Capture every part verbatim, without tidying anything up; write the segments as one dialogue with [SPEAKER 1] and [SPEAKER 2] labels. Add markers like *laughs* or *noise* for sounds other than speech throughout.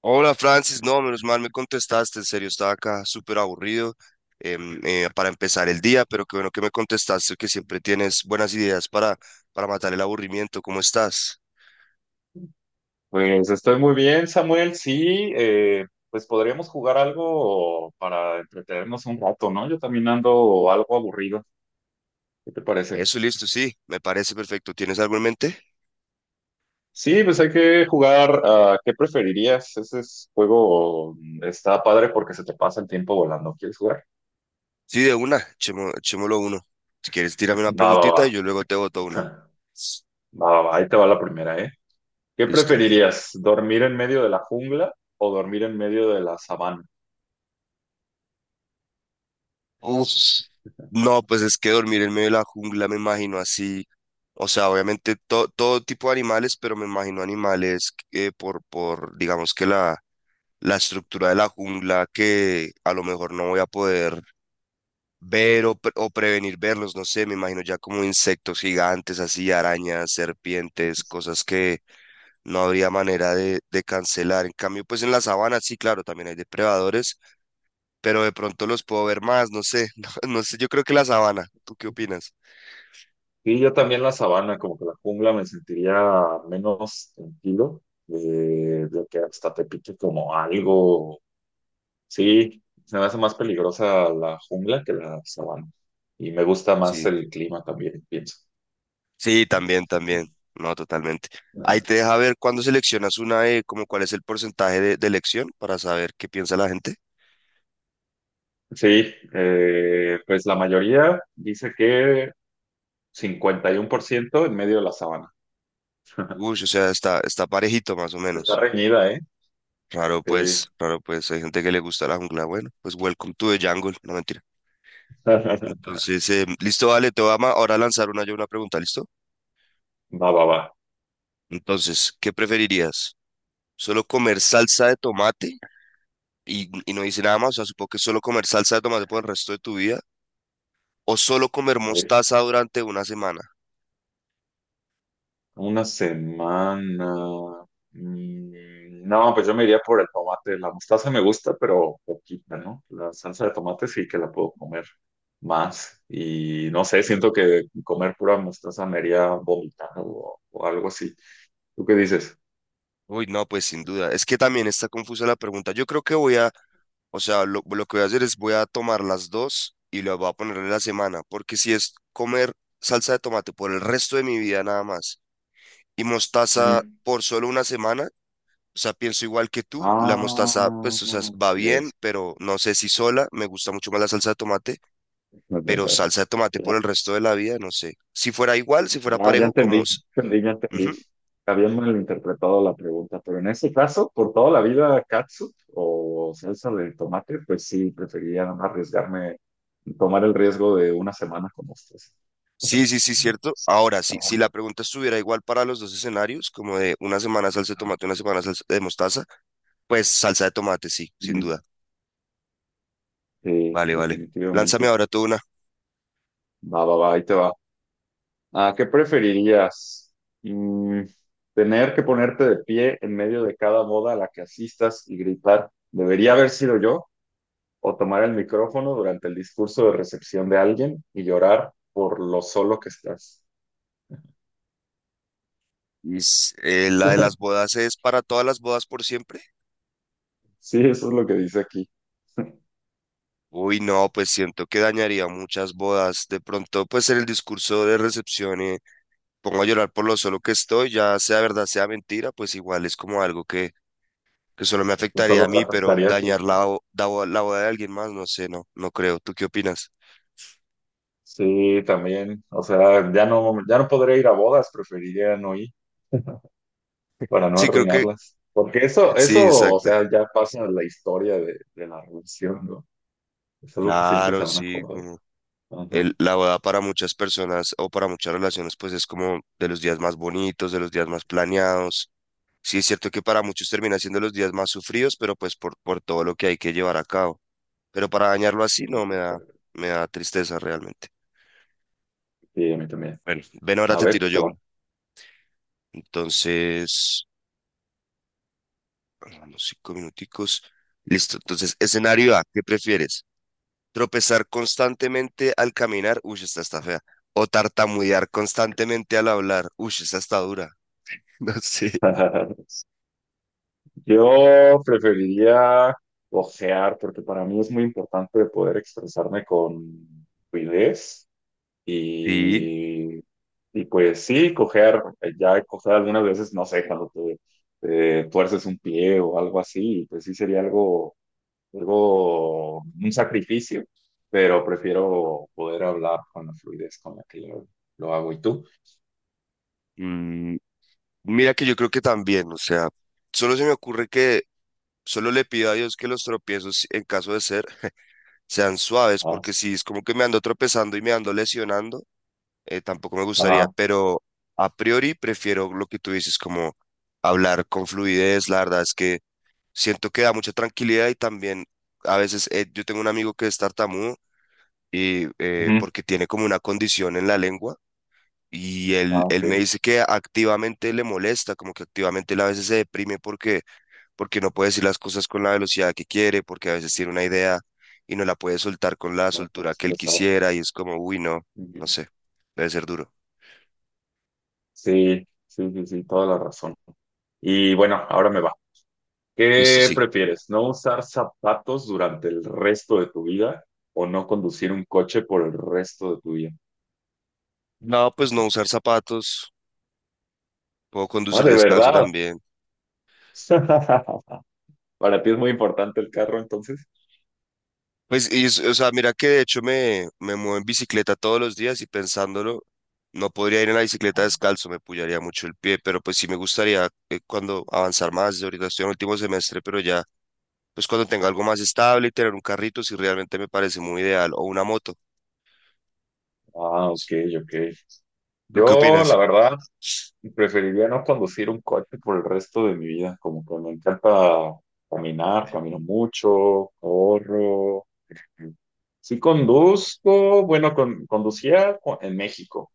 [SPEAKER 1] Hola Francis, no, menos mal me contestaste, en serio, estaba acá súper aburrido em, eh, para empezar el día, pero qué bueno que me contestaste, que siempre tienes buenas ideas para, para matar el aburrimiento, ¿cómo estás?
[SPEAKER 2] Pues estoy muy bien, Samuel. Sí, eh, pues podríamos jugar algo para entretenernos un rato, ¿no? Yo también ando algo aburrido. ¿Qué te parece?
[SPEAKER 1] Eso, listo, sí, me parece perfecto, ¿tienes algo en mente?
[SPEAKER 2] Sí, pues hay que jugar a ¿qué preferirías? Ese es- juego mm, está padre porque se te pasa el tiempo volando. ¿Quieres jugar?
[SPEAKER 1] Sí, de una, echemo- echémoslo uno. Si quieres, tírame una
[SPEAKER 2] Va, va, va.
[SPEAKER 1] preguntita y yo luego te boto una.
[SPEAKER 2] *laughs* Va, va, va. Ahí te va la primera, ¿eh? ¿Qué
[SPEAKER 1] Listo, dime.
[SPEAKER 2] preferirías? ¿Dormir en medio de la jungla o dormir en medio de la sabana?
[SPEAKER 1] Uf, no, pues es que dormir en medio de la jungla me imagino así, o sea, obviamente to- todo tipo de animales, pero me imagino animales eh, por, por, digamos que la, la estructura de la jungla que a lo mejor no voy a poder ver o, pre- o prevenir verlos, no sé, me imagino ya como insectos gigantes, así, arañas, serpientes, cosas que no habría manera de, de cancelar. En cambio, pues en la sabana sí, claro, también hay depredadores pero de pronto los puedo ver más, no sé, *laughs* no, no sé, yo creo que la sabana. ¿Tú qué opinas?
[SPEAKER 2] Y yo también la sabana, como que la jungla me sentiría menos tranquilo, eh, de que hasta te pique como algo. Sí, se me hace más peligrosa la jungla que la sabana. Y me gusta más
[SPEAKER 1] Sí.
[SPEAKER 2] el clima también, pienso.
[SPEAKER 1] Sí, también, también, no, totalmente. Ahí
[SPEAKER 2] Ajá.
[SPEAKER 1] te deja ver cuando seleccionas una de, como cuál es el porcentaje de, de elección para saber qué piensa la gente.
[SPEAKER 2] Sí, eh, pues la mayoría dice que cincuenta y uno por ciento en medio de la sabana. *laughs*
[SPEAKER 1] Uy, o sea, está, está parejito más o
[SPEAKER 2] Está
[SPEAKER 1] menos.
[SPEAKER 2] reñida, ¿eh?
[SPEAKER 1] Raro pues,
[SPEAKER 2] Sí.
[SPEAKER 1] raro pues, hay gente que le gusta la jungla, bueno, pues welcome to the jungle, no mentira.
[SPEAKER 2] *laughs*
[SPEAKER 1] Entonces, eh, listo, vale, te voy a ma- ahora a lanzar una yo una pregunta, ¿listo?
[SPEAKER 2] Va, va, va.
[SPEAKER 1] Entonces, ¿qué preferirías? ¿Solo comer salsa de tomate? y, y no dice nada más, o sea, supongo que solo comer salsa de tomate por el resto de tu vida o solo comer
[SPEAKER 2] A ver,
[SPEAKER 1] mostaza durante una semana.
[SPEAKER 2] una semana. Mm, No, pues yo me iría por el tomate. La mostaza me gusta, pero poquita, ¿no? La salsa de tomate sí que la puedo comer más. Y no sé, siento que comer pura mostaza me haría vomitar o, o algo así. ¿Tú qué dices?
[SPEAKER 1] Uy, no, pues sin duda. Es que también está confusa la pregunta. Yo creo que voy a, o sea, lo, lo que voy a hacer es voy a tomar las dos y las voy a poner en la semana, porque si es comer salsa de tomate por el resto de mi vida nada más y mostaza por solo una semana, o sea, pienso igual que tú, la mostaza,
[SPEAKER 2] Ah,
[SPEAKER 1] pues, o sea, va bien,
[SPEAKER 2] es-
[SPEAKER 1] pero no sé si sola, me gusta mucho más la salsa de tomate, pero salsa de tomate
[SPEAKER 2] ya,
[SPEAKER 1] por el resto de la vida, no sé. Si fuera igual, si fuera
[SPEAKER 2] ya, ya
[SPEAKER 1] parejo, como
[SPEAKER 2] entendí, ya
[SPEAKER 1] s-.
[SPEAKER 2] entendí, ya entendí.
[SPEAKER 1] Ujú.
[SPEAKER 2] Había malinterpretado la pregunta, pero en ese caso, por toda la vida, catsup o salsa de tomate, pues sí, prefería no arriesgarme, tomar el riesgo de una semana con ustedes.
[SPEAKER 1] Sí, sí, sí,
[SPEAKER 2] *laughs*
[SPEAKER 1] cierto. Ahora sí, si
[SPEAKER 2] Ajá.
[SPEAKER 1] la pregunta estuviera igual para los dos escenarios, como de una semana salsa de
[SPEAKER 2] Ajá.
[SPEAKER 1] tomate, una semana salsa de mostaza, pues salsa de tomate, sí, sin duda.
[SPEAKER 2] Ujú. Sí,
[SPEAKER 1] Vale, vale. Lánzame
[SPEAKER 2] definitivamente.
[SPEAKER 1] ahora tú una.
[SPEAKER 2] Va, va, va, ahí te va. Ah, ¿qué preferirías? Mm, ¿tener que ponerte de pie en medio de cada boda a la que asistas y gritar, debería haber sido yo? ¿O tomar el micrófono durante el discurso de recepción de alguien y llorar por lo solo que estás?
[SPEAKER 1] Is- eh, ¿la de las bodas es para todas las bodas por siempre?
[SPEAKER 2] Sí, eso es lo que dice aquí. *laughs*
[SPEAKER 1] Uy, no, pues siento que dañaría muchas bodas. De pronto, pues en el discurso de recepción, eh, pongo a llorar por lo solo que estoy, ya sea verdad, sea mentira, pues igual es como algo que que solo me
[SPEAKER 2] Eso
[SPEAKER 1] afectaría a
[SPEAKER 2] lo
[SPEAKER 1] mí, pero
[SPEAKER 2] trataría así,
[SPEAKER 1] dañar
[SPEAKER 2] ¿no?
[SPEAKER 1] la, bo- da- la boda de alguien más, no sé, no, no creo. ¿Tú qué opinas?
[SPEAKER 2] Sí, también. O sea, ya no, ya no podré ir a bodas, preferiría no ir para no
[SPEAKER 1] Sí, creo que
[SPEAKER 2] arruinarlas. Porque
[SPEAKER 1] *laughs*
[SPEAKER 2] eso,
[SPEAKER 1] sí,
[SPEAKER 2] eso, o
[SPEAKER 1] exacto.
[SPEAKER 2] sea, ya pasa en la historia de, de la relación, ¿no? Es algo que siempre se
[SPEAKER 1] Claro,
[SPEAKER 2] van a
[SPEAKER 1] sí,
[SPEAKER 2] acordar.
[SPEAKER 1] como
[SPEAKER 2] Ajá.
[SPEAKER 1] el, la boda para muchas personas o para muchas relaciones, pues es como de los días más bonitos, de los días más planeados. Sí, es cierto que para muchos termina siendo los días más sufridos, pero pues por, por todo lo que hay que llevar a cabo. Pero para dañarlo así no me da, me da tristeza realmente.
[SPEAKER 2] Sí, a mí también.
[SPEAKER 1] Bueno, ven, ahora
[SPEAKER 2] A
[SPEAKER 1] te
[SPEAKER 2] ver,
[SPEAKER 1] tiro
[SPEAKER 2] te
[SPEAKER 1] yo
[SPEAKER 2] va.
[SPEAKER 1] una. Entonces. Vamos, cinco minuticos. Listo. Entonces, escenario A, ¿qué prefieres? ¿Tropezar constantemente al caminar? Uy, esta está fea. ¿O tartamudear constantemente al hablar? Uy, esta está dura. *laughs* No sé.
[SPEAKER 2] *laughs* Yo preferiría ojear, porque para mí es muy importante poder expresarme con fluidez
[SPEAKER 1] Sí.
[SPEAKER 2] y, y pues sí, cojear. Eh, ya he cojeado algunas veces, no sé, cuando te, te tuerces un pie o algo así, pues sí sería algo, algo, un sacrificio, pero prefiero poder hablar con la fluidez con la que lo, lo hago. ¿Y tú?
[SPEAKER 1] Mm, mira que yo creo que también, o sea, solo se me ocurre que solo le pido a Dios que los tropiezos, en caso de ser, sean suaves,
[SPEAKER 2] Ah.
[SPEAKER 1] porque si es como que me ando tropezando y me ando lesionando. eh, tampoco me gustaría,
[SPEAKER 2] Ah,
[SPEAKER 1] pero a priori prefiero lo que tú dices, como hablar con fluidez, la verdad es que siento que da mucha tranquilidad y también a veces eh, yo tengo un amigo que es tartamudo y eh,
[SPEAKER 2] ujú.
[SPEAKER 1] porque tiene como una condición en la lengua y él,
[SPEAKER 2] Ah,
[SPEAKER 1] él
[SPEAKER 2] ok.
[SPEAKER 1] me dice que activamente le molesta, como que activamente él a veces se deprime porque, porque no puede decir las cosas con la velocidad que quiere, porque a veces tiene una idea y no la puede soltar con la
[SPEAKER 2] No lo puedo
[SPEAKER 1] soltura que él
[SPEAKER 2] expresar.
[SPEAKER 1] quisiera y es como, uy, no, no
[SPEAKER 2] Bien.
[SPEAKER 1] sé, debe ser duro.
[SPEAKER 2] Sí, sí, sí, sí, toda la razón. Y bueno, ahora me va.
[SPEAKER 1] Listo,
[SPEAKER 2] ¿Qué
[SPEAKER 1] sí.
[SPEAKER 2] prefieres? ¿No usar zapatos durante el resto de tu vida o no conducir un coche por el resto de tu vida?
[SPEAKER 1] No, pues no usar zapatos, puedo
[SPEAKER 2] Ah,
[SPEAKER 1] conducir
[SPEAKER 2] ¿de
[SPEAKER 1] descalzo
[SPEAKER 2] verdad?
[SPEAKER 1] también.
[SPEAKER 2] *laughs* Para ti es muy importante el carro, entonces.
[SPEAKER 1] Pues, y es- o sea, mira que de hecho me, me muevo en bicicleta todos los días y pensándolo, no podría ir en la bicicleta descalzo, me pullaría mucho el pie, pero pues sí me gustaría eh, cuando avanzar más, yo ahorita estoy en último semestre, pero ya, pues cuando tenga algo más estable y tener un carrito, si realmente me parece muy ideal, o una moto.
[SPEAKER 2] Ah, ok, ok.
[SPEAKER 1] ¿Tú qué
[SPEAKER 2] Yo, la
[SPEAKER 1] opinas?
[SPEAKER 2] verdad, preferiría no conducir un coche por el resto de mi vida, como que me encanta caminar, camino mucho, corro. Mm. Sí conduzco, bueno, con- conducía cu- en México,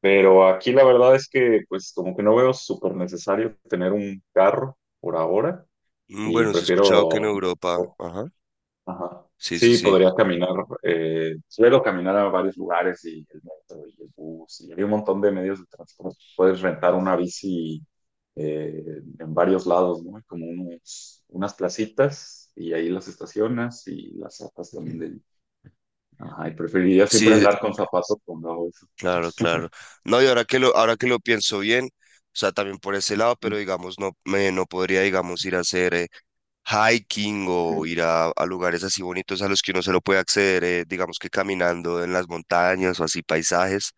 [SPEAKER 2] pero aquí la verdad es que pues como que no veo súper necesario tener un carro por ahora,
[SPEAKER 1] Mm,
[SPEAKER 2] y
[SPEAKER 1] Bueno, sí he escuchado que en
[SPEAKER 2] prefiero.
[SPEAKER 1] Europa, ajá,
[SPEAKER 2] Ajá.
[SPEAKER 1] sí, sí,
[SPEAKER 2] Sí,
[SPEAKER 1] sí.
[SPEAKER 2] podrías caminar, eh, suelo caminar a varios lugares y el metro y el bus y hay un montón de medios de transporte. Puedes rentar una bici, eh, en varios lados, ¿no? Hay como unos, unas placitas y ahí las estacionas y las zapas también de ahí. Ajá, y preferiría siempre
[SPEAKER 1] Sí.
[SPEAKER 2] andar con zapatos cuando hago eso.
[SPEAKER 1] Claro, claro. No, y ahora que lo, ahora que lo pienso bien, o sea, también por ese lado, pero
[SPEAKER 2] *laughs*
[SPEAKER 1] digamos, no, me, no podría, digamos, ir a hacer eh, hiking o ir a, a lugares así bonitos a los que uno se lo puede acceder, eh, digamos que caminando en las montañas o así paisajes,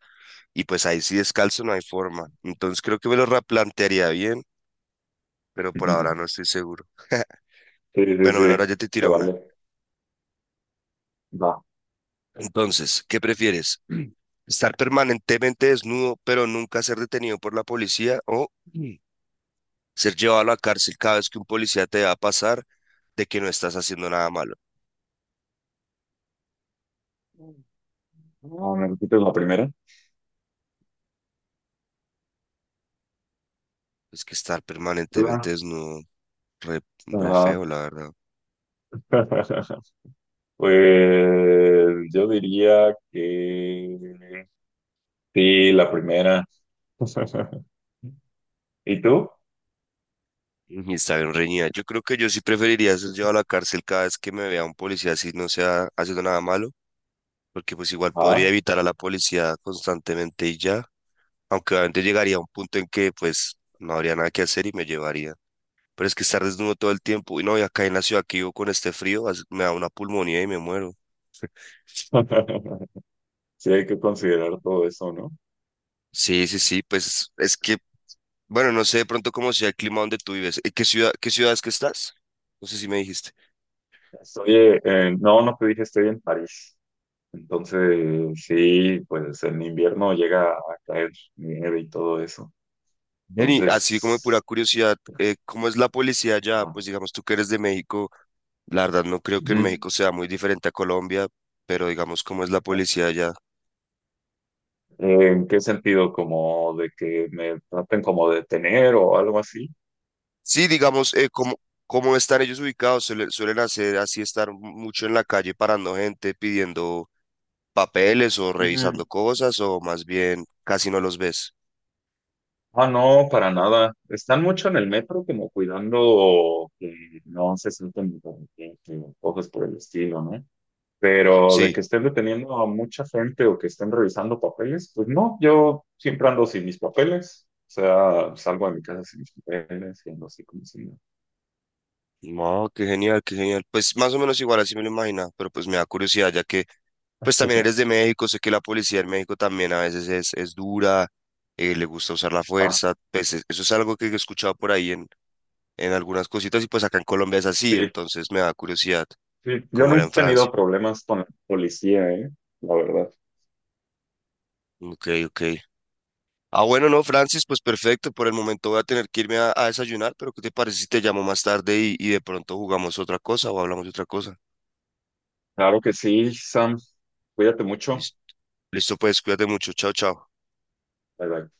[SPEAKER 1] y pues ahí sí descalzo no hay forma. Entonces creo que me lo replantearía bien, pero por ahora no estoy seguro. *laughs*
[SPEAKER 2] Sí, sí,
[SPEAKER 1] Bueno, bueno,
[SPEAKER 2] sí,
[SPEAKER 1] ahora ya te
[SPEAKER 2] se
[SPEAKER 1] tiro una.
[SPEAKER 2] vale. Va.
[SPEAKER 1] Entonces, ¿qué prefieres? *clears throat* ¿Estar permanentemente desnudo pero nunca ser detenido por la policía, o *clears throat* ser llevado a la cárcel cada vez que un policía te va a pasar de que no estás haciendo nada malo?
[SPEAKER 2] No, ¿me repites la primera?
[SPEAKER 1] Es que estar permanentemente
[SPEAKER 2] Hola.
[SPEAKER 1] desnudo, re, re
[SPEAKER 2] Ajá.
[SPEAKER 1] feo, la verdad.
[SPEAKER 2] *laughs* Pues yo diría que sí, la primera. *laughs* ¿Y tú?
[SPEAKER 1] Y está bien reñida. Yo creo que yo sí preferiría ser llevado a la cárcel cada vez que me vea un policía así no sea haciendo nada malo, porque pues igual podría
[SPEAKER 2] Ah.
[SPEAKER 1] evitar a la policía constantemente y ya, aunque obviamente llegaría a un punto en que pues no habría nada que hacer y me llevaría. Pero es que estar desnudo todo el tiempo, y no, y acá en la ciudad que vivo con este frío, as- me da una pulmonía y me muero.
[SPEAKER 2] *laughs* Sí, hay que considerar todo eso, ¿no?
[SPEAKER 1] Sí, sí, sí, pues es que bueno, no sé de pronto cómo sea el clima donde tú vives. ¿En qué ciudad, qué ciudad es que estás? No sé si me dijiste.
[SPEAKER 2] Estoy, eh, eh, no, no te dije, estoy en París. Entonces, sí, pues en invierno llega a caer nieve y todo eso.
[SPEAKER 1] Jenny, así como de pura
[SPEAKER 2] Entonces,
[SPEAKER 1] curiosidad, eh, ¿cómo es la policía allá? Pues
[SPEAKER 2] ajá.
[SPEAKER 1] digamos, tú que eres de México, la verdad no creo que en
[SPEAKER 2] Ujú.
[SPEAKER 1] México sea muy diferente a Colombia, pero digamos, ¿cómo es la policía allá?
[SPEAKER 2] ¿En qué sentido? ¿Como de que me traten como de tener o algo así?
[SPEAKER 1] Sí, digamos, eh, ¿cómo, cómo están ellos ubicados? Suele- ¿suelen hacer así, estar mucho en la calle parando gente, pidiendo papeles o revisando cosas, o más bien casi no los ves?
[SPEAKER 2] Ah, no, para nada. Están mucho en el metro como cuidando que no se sienten inconvenientes o cosas por el estilo, ¿no? Pero de que
[SPEAKER 1] Sí.
[SPEAKER 2] estén deteniendo a mucha gente o que estén revisando papeles, pues no, yo siempre ando sin mis papeles. O sea, salgo de mi casa sin mis papeles y ando así como si no.
[SPEAKER 1] No, qué genial, qué genial. Pues más o menos igual así me lo imaginaba, pero pues me da curiosidad, ya que pues también eres de
[SPEAKER 2] *laughs*
[SPEAKER 1] México, sé que la policía en México también a veces es, es dura, eh, le gusta usar la
[SPEAKER 2] Ah,
[SPEAKER 1] fuerza, pues es- eso es algo que he escuchado por ahí en, en algunas cositas y pues acá en Colombia es así,
[SPEAKER 2] sí,
[SPEAKER 1] entonces me da curiosidad
[SPEAKER 2] sí. Yo
[SPEAKER 1] cómo era
[SPEAKER 2] nunca
[SPEAKER 1] en
[SPEAKER 2] he
[SPEAKER 1] Francia.
[SPEAKER 2] tenido problemas con la policía, ¿eh? La verdad.
[SPEAKER 1] Ok, ok. Ah, bueno, no, Francis, pues perfecto, por el momento voy a tener que irme a, a desayunar, pero ¿qué te parece si te llamo más tarde y, y de pronto jugamos otra cosa o hablamos de otra cosa?
[SPEAKER 2] Claro que sí, Sam. Cuídate mucho.
[SPEAKER 1] Listo, listo, pues cuídate mucho, chao, chao.
[SPEAKER 2] Bye, bye.